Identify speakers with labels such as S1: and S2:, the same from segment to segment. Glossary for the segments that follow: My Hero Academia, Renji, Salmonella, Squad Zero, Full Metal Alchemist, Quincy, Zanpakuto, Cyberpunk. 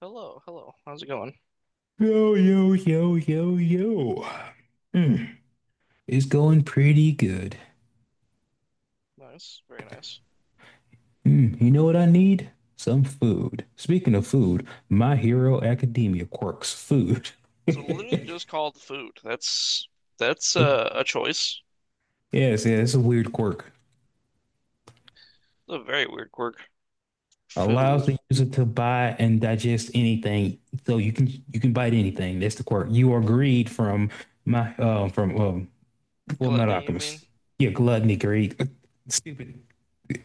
S1: Hello, hello. How's it going?
S2: Yo, yo, yo, yo, yo. Mm, it's going pretty good.
S1: Nice, very nice.
S2: Mm, you know what I need? Some food. Speaking of food, My Hero Academia quirks food.
S1: So literally just called food. That's a choice.
S2: Yes, yeah, it's a weird quirk.
S1: A very weird quirk.
S2: Allows
S1: Food.
S2: the user to buy and digest anything, so you can bite anything. That's the quirk. You are greed from my from Full Metal
S1: Gluttony, you
S2: Alchemist.
S1: mean?
S2: Yeah, gluttony, greed, stupid.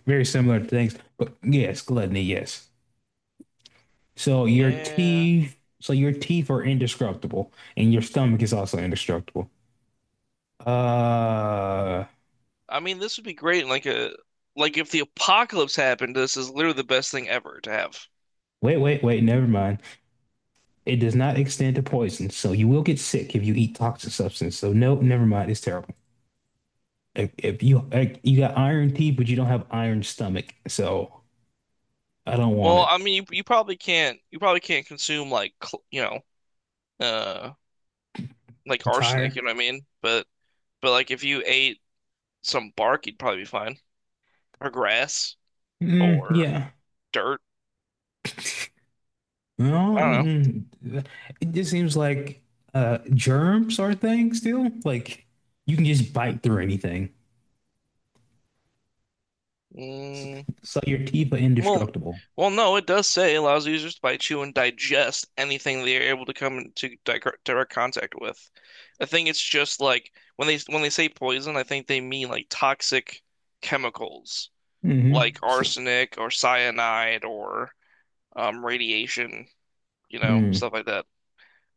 S2: Very similar things, but yes, gluttony, yes. So your
S1: Yeah.
S2: teeth, so your teeth are indestructible, and your stomach is also indestructible. Uh,
S1: I mean, this would be great in like if the apocalypse happened, this is literally the best thing ever to have.
S2: Wait, wait, wait. Never mind. It does not extend to poison, so you will get sick if you eat toxic substance. So no, never mind. It's terrible. If you like, you got iron teeth, but you don't have iron stomach, so I don't want
S1: Well,
S2: it.
S1: I mean, you probably can't consume like uh like
S2: A
S1: arsenic, you
S2: tire?
S1: know what I mean? but like if you ate some bark, you'd probably be fine. Or grass
S2: Mm,
S1: or
S2: yeah.
S1: dirt. I
S2: No,
S1: don't know.
S2: it just seems like germs are a thing still. Like you can just bite through anything. So,
S1: Mm,
S2: so, your teeth are
S1: well,
S2: indestructible.
S1: no, it does say it allows users to bite, chew, and digest anything they are able to come into direct contact with. I think it's just like when they say poison, I think they mean like toxic chemicals,
S2: Mm-hmm.
S1: like arsenic or cyanide or radiation,
S2: Mm.
S1: stuff like that.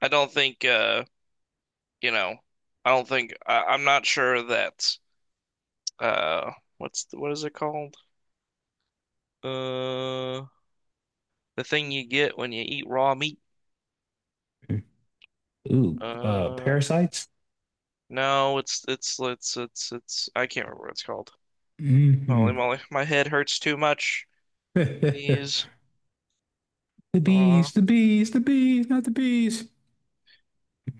S1: I don't think, uh, you know, I don't think I, I'm not sure that uh, what is it called? Uh, the thing you get when you eat raw meat.
S2: Ooh,
S1: Uh,
S2: parasites.
S1: no, it's I can't remember what it's called. Holy
S2: Mm-hmm.
S1: moly, my head hurts too much.
S2: The
S1: These raw.
S2: bees, the bees, the bees, not the bees.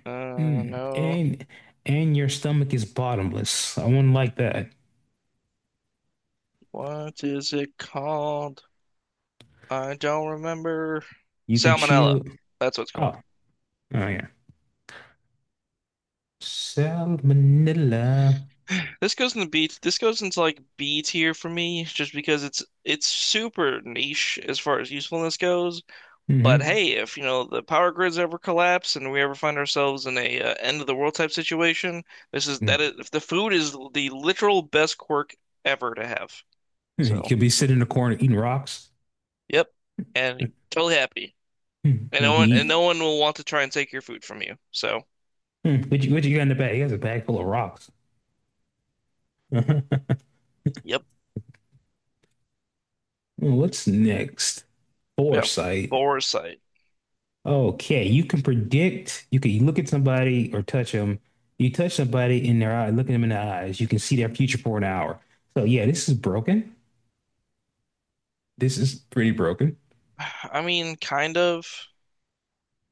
S2: Mm.
S1: No,
S2: And your stomach is bottomless. I wouldn't like that.
S1: what is it called? I don't remember.
S2: You can
S1: Salmonella.
S2: chew.
S1: That's what it's
S2: Oh,
S1: called.
S2: oh, yeah. Salmonella.
S1: This goes in the B. This goes into like B tier for me, just because it's super niche as far as usefulness goes. But
S2: Mm-hmm.
S1: hey, if the power grids ever collapse and we ever find ourselves in a end of the world type situation, this is that
S2: Mm.
S1: is if the food is the literal best quirk ever to have.
S2: You
S1: So,
S2: could be sitting in the corner eating rocks.
S1: yep, and totally happy,
S2: Mm.
S1: and
S2: Like
S1: no
S2: you
S1: one and
S2: eat.
S1: no one will want to try and take your food from you. So,
S2: Mm. What you got in the bag? He has a bag full of rocks.
S1: yep,
S2: What's next?
S1: yeah,
S2: Foresight.
S1: foresight.
S2: Okay, you can predict. You can look at somebody or touch them. You touch somebody in their eye, look at them in the eyes. You can see their future for an hour. So yeah, this is broken. This is pretty broken.
S1: I mean, kind of.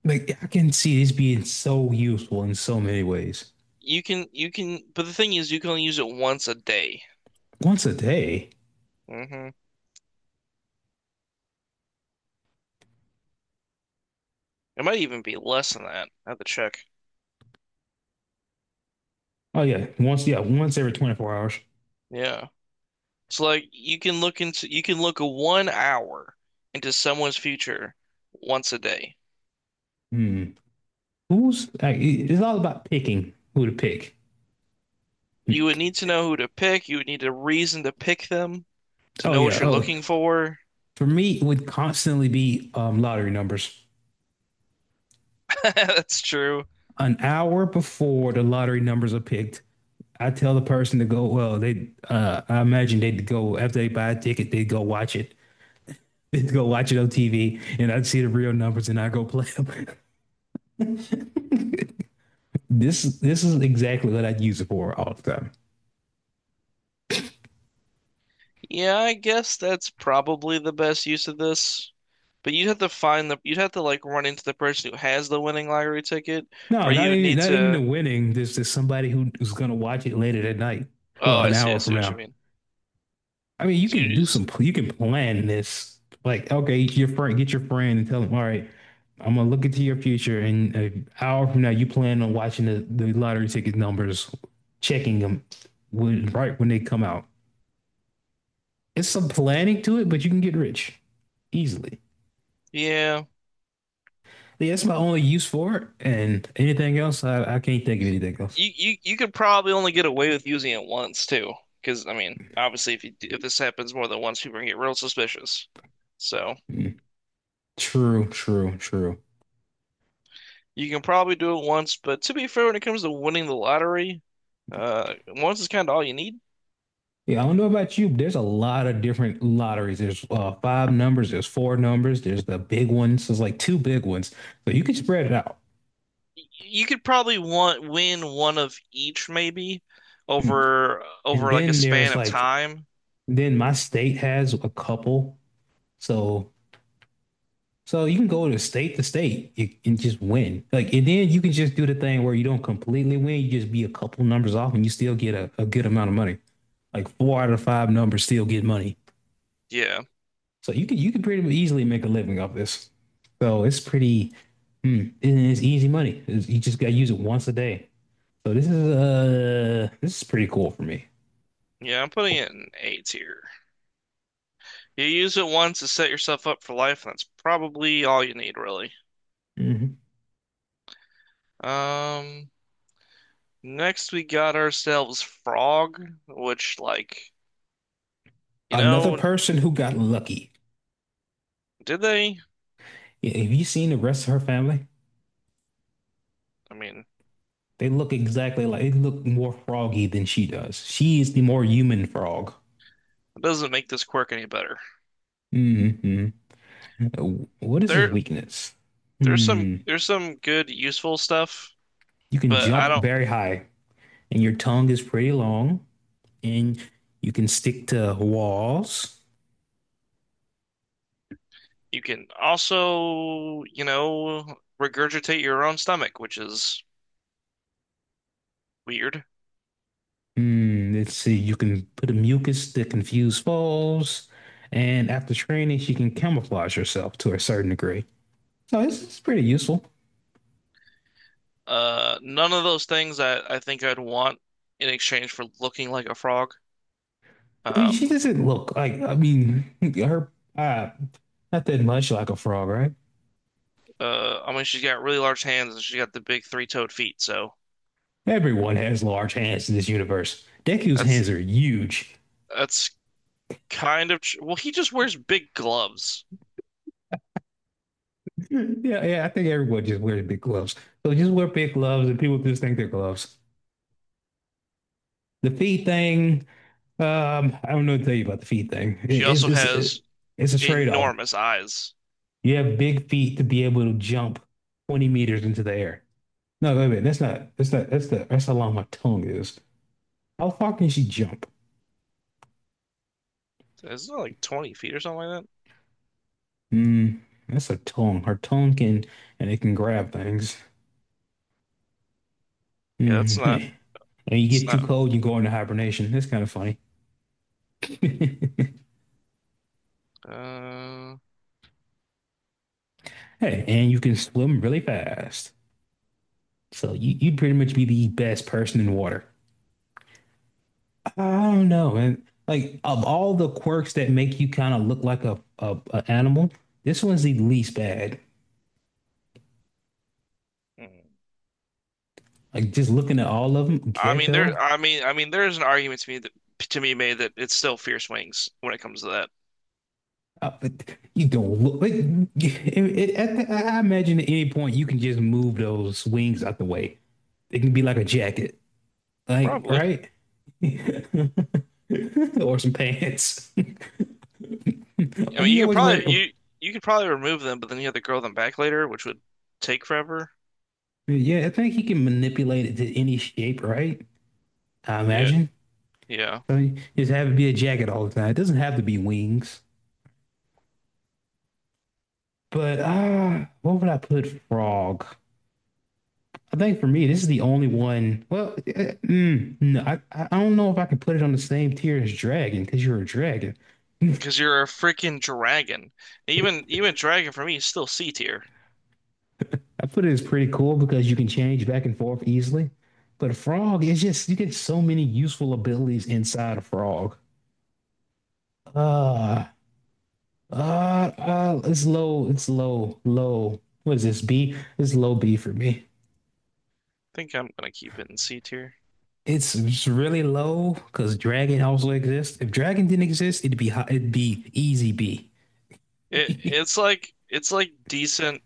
S2: Like I can see this being so useful in so many ways.
S1: You can, but the thing is, you can only use it once a day.
S2: Once a day.
S1: hmm It might even be less than that. I have to check.
S2: Oh yeah, once every 24 hours.
S1: Yeah. So like you can look one hour into someone's future once a day.
S2: Hmm. Who's like? It's all about picking who to pick.
S1: You would need to know who to pick. You would need a reason to pick them to
S2: Oh
S1: know
S2: yeah.
S1: what you're
S2: Oh,
S1: looking for.
S2: for me, it would constantly be lottery numbers.
S1: That's true.
S2: An hour before the lottery numbers are picked, I tell the person to go. Well, they I imagine they'd go after they buy a ticket. They'd go watch it. They'd go watch it on TV, and I'd see the real numbers, and I go play them. This is exactly what I'd use it for all the time.
S1: Yeah, I guess that's probably the best use of this. But you'd have to find the you'd have to like run into the person who has the winning lottery ticket,
S2: No,
S1: or you
S2: not
S1: would
S2: even
S1: need
S2: not even the
S1: to.
S2: winning. There's just somebody who's gonna watch it later that night.
S1: Oh,
S2: Well,
S1: I
S2: an
S1: see.
S2: hour
S1: I see
S2: from
S1: what you
S2: now.
S1: mean.
S2: I mean, you
S1: So
S2: could
S1: you
S2: do
S1: just
S2: some, you can plan this. Like, okay, your friend, get your friend and tell him, all right, I'm gonna look into your future. And an hour from now, you plan on watching the lottery ticket numbers, checking them right when they come out. It's some planning to it, but you can get rich easily.
S1: yeah.
S2: Yeah, that's my only use for it. And anything else, I can't think of anything else.
S1: You could probably only get away with using it once too, because I mean, obviously, if this happens more than once, people are gonna get real suspicious. So
S2: Mm. True, true, true.
S1: you can probably do it once, but to be fair, when it comes to winning the lottery, once is kind of all you need.
S2: Yeah, I don't know about you, but there's a lot of different lotteries. There's five numbers, there's four numbers, there's the big ones. There's like two big ones. So you can spread it out.
S1: You could probably want win one of each maybe
S2: Mm.
S1: over
S2: And
S1: over like a
S2: then
S1: span
S2: there's
S1: of
S2: like,
S1: time.
S2: then my state has a couple. So so you can go to state and just win. Like, and then you can just do the thing where you don't completely win, you just be a couple numbers off and you still get a good amount of money. Like four out of five numbers still get money.
S1: Yeah,
S2: So you can pretty easily make a living off this. So it's pretty, and it's easy money. You just gotta use it once a day. So this is pretty cool for me.
S1: yeah, I'm putting it in A tier. You use it once to set yourself up for life, and that's probably all you need, really.
S2: Mhm.
S1: Um. Next, we got ourselves Frog, which, like, you
S2: Another
S1: know,
S2: person who got lucky.
S1: did they?
S2: Yeah, have you seen the rest of her family?
S1: I mean,
S2: They look exactly like they look more froggy than she does. She is the more human frog.
S1: it doesn't make this quirk any better.
S2: Hmm. What is his
S1: There,
S2: weakness?
S1: there's some,
S2: Hmm.
S1: there's some good, useful stuff,
S2: You can
S1: but I
S2: jump
S1: don't.
S2: very high, and your tongue is pretty long, and you can stick to walls.
S1: You can also, regurgitate your own stomach, which is weird.
S2: Hmm, let's see. You can put a mucus to confuse foes, and after training, she can camouflage herself to a certain degree. So it's pretty useful.
S1: None of those things I think I'd want in exchange for looking like a frog.
S2: I mean, she
S1: Um,
S2: doesn't look like. I mean, her uh, not that much like a frog, right?
S1: I mean, she's got really large hands and she's got the big three-toed feet, so
S2: Everyone has large hands in this universe. Deku's
S1: that's
S2: hands are huge.
S1: that's kind of. Well, he just wears big gloves.
S2: Yeah, yeah. I think everyone just wears big gloves. So just wear big gloves, and people just think they're gloves. The feet thing, I don't know what to tell you about the feet thing.
S1: She
S2: It- It's
S1: also
S2: it's
S1: has
S2: it's a trade off.
S1: enormous eyes.
S2: You have big feet to be able to jump 20 meters into the air. No, wait a minute. That's not. That's not. That's the. That's how long my tongue is. How far can she jump?
S1: Isn't that like 20 feet or something like that?
S2: Hmm. That's her tongue. Her tongue can and it can grab things.
S1: Yeah,
S2: Hmm.
S1: that's not.
S2: And you
S1: It's
S2: get too
S1: not.
S2: cold, you go into hibernation. That's kind of funny.
S1: Uh,
S2: Hey, and you can swim really fast. So you'd pretty much be the best person in water. I don't know. And like of all the quirks that make you kind of look like a animal, this one's the least bad.
S1: hmm.
S2: Like just looking at all of them,
S1: I mean, there.
S2: gecko.
S1: I mean, there is an argument to me that made that it's still fierce wings when it comes to that.
S2: But you don't look like I imagine at any point you can just move those wings out the way. It can be like a jacket, like
S1: Probably.
S2: right, or some pants. Why
S1: I
S2: do
S1: mean,
S2: you
S1: you could
S2: always wear?
S1: probably
S2: It?
S1: you you could probably remove them, but then you have to grow them back later, which would take forever.
S2: Yeah, I think he can manipulate it to any shape, right? I
S1: Yeah,
S2: imagine.
S1: yeah.
S2: So you just have it be a jacket all the time. It doesn't have to be wings. But what would I put frog? I think for me, this is the only one. Well, no, I don't know if I can put it on the same tier as dragon because you're a dragon.
S1: Because you're a freaking dragon. Even dragon for me is still C tier.
S2: I put it as pretty cool because you can change back and forth easily. But a frog is just you get so many useful abilities inside a frog. Uh, it's low, it's low, low. What is this B? It's low B for me.
S1: I think I'm gonna keep it in C tier.
S2: It's really low because Dragon also exists. If Dragon didn't exist, it'd be easy B.
S1: It it's like decent.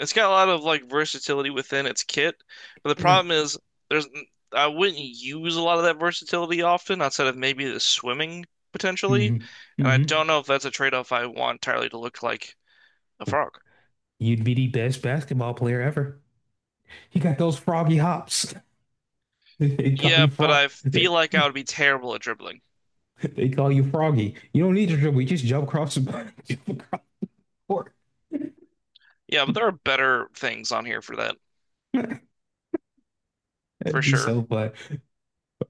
S1: It's got a lot of like versatility within its kit, but the problem is there's I wouldn't use a lot of that versatility often outside of maybe the swimming potentially,
S2: Hmm.
S1: and I
S2: Hmm.
S1: don't know if that's a trade-off I want entirely to look like a frog.
S2: You'd be the best basketball player ever. You got those froggy hops. They call
S1: Yeah,
S2: you
S1: but
S2: frog.
S1: I
S2: They,
S1: feel like I would be terrible at dribbling.
S2: they call you froggy. You don't need to dribble. You just jump across the jump across court.
S1: Yeah, but there are better things on here for that for
S2: That'd be
S1: sure.
S2: so fun.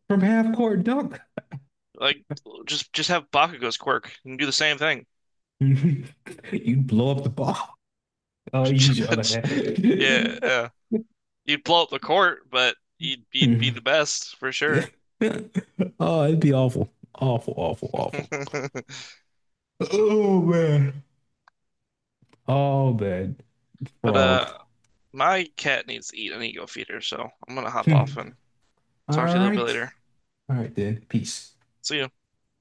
S2: From half court dunk,
S1: Like just have Bakugo's quirk and do the same thing.
S2: you'd blow up the ball. Oh, use your other
S1: Yeah,
S2: hand.
S1: yeah. You'd blow up the court, but you'd be the best for sure.
S2: Oh, it'd be awful. Awful, awful, awful. Oh man. Oh man.
S1: But
S2: Frog.
S1: uh, my cat needs to eat an ego feeder, so I'm gonna hop
S2: Hmm.
S1: off and
S2: All
S1: talk to you a little bit
S2: right.
S1: later.
S2: All right then. Peace.
S1: See you.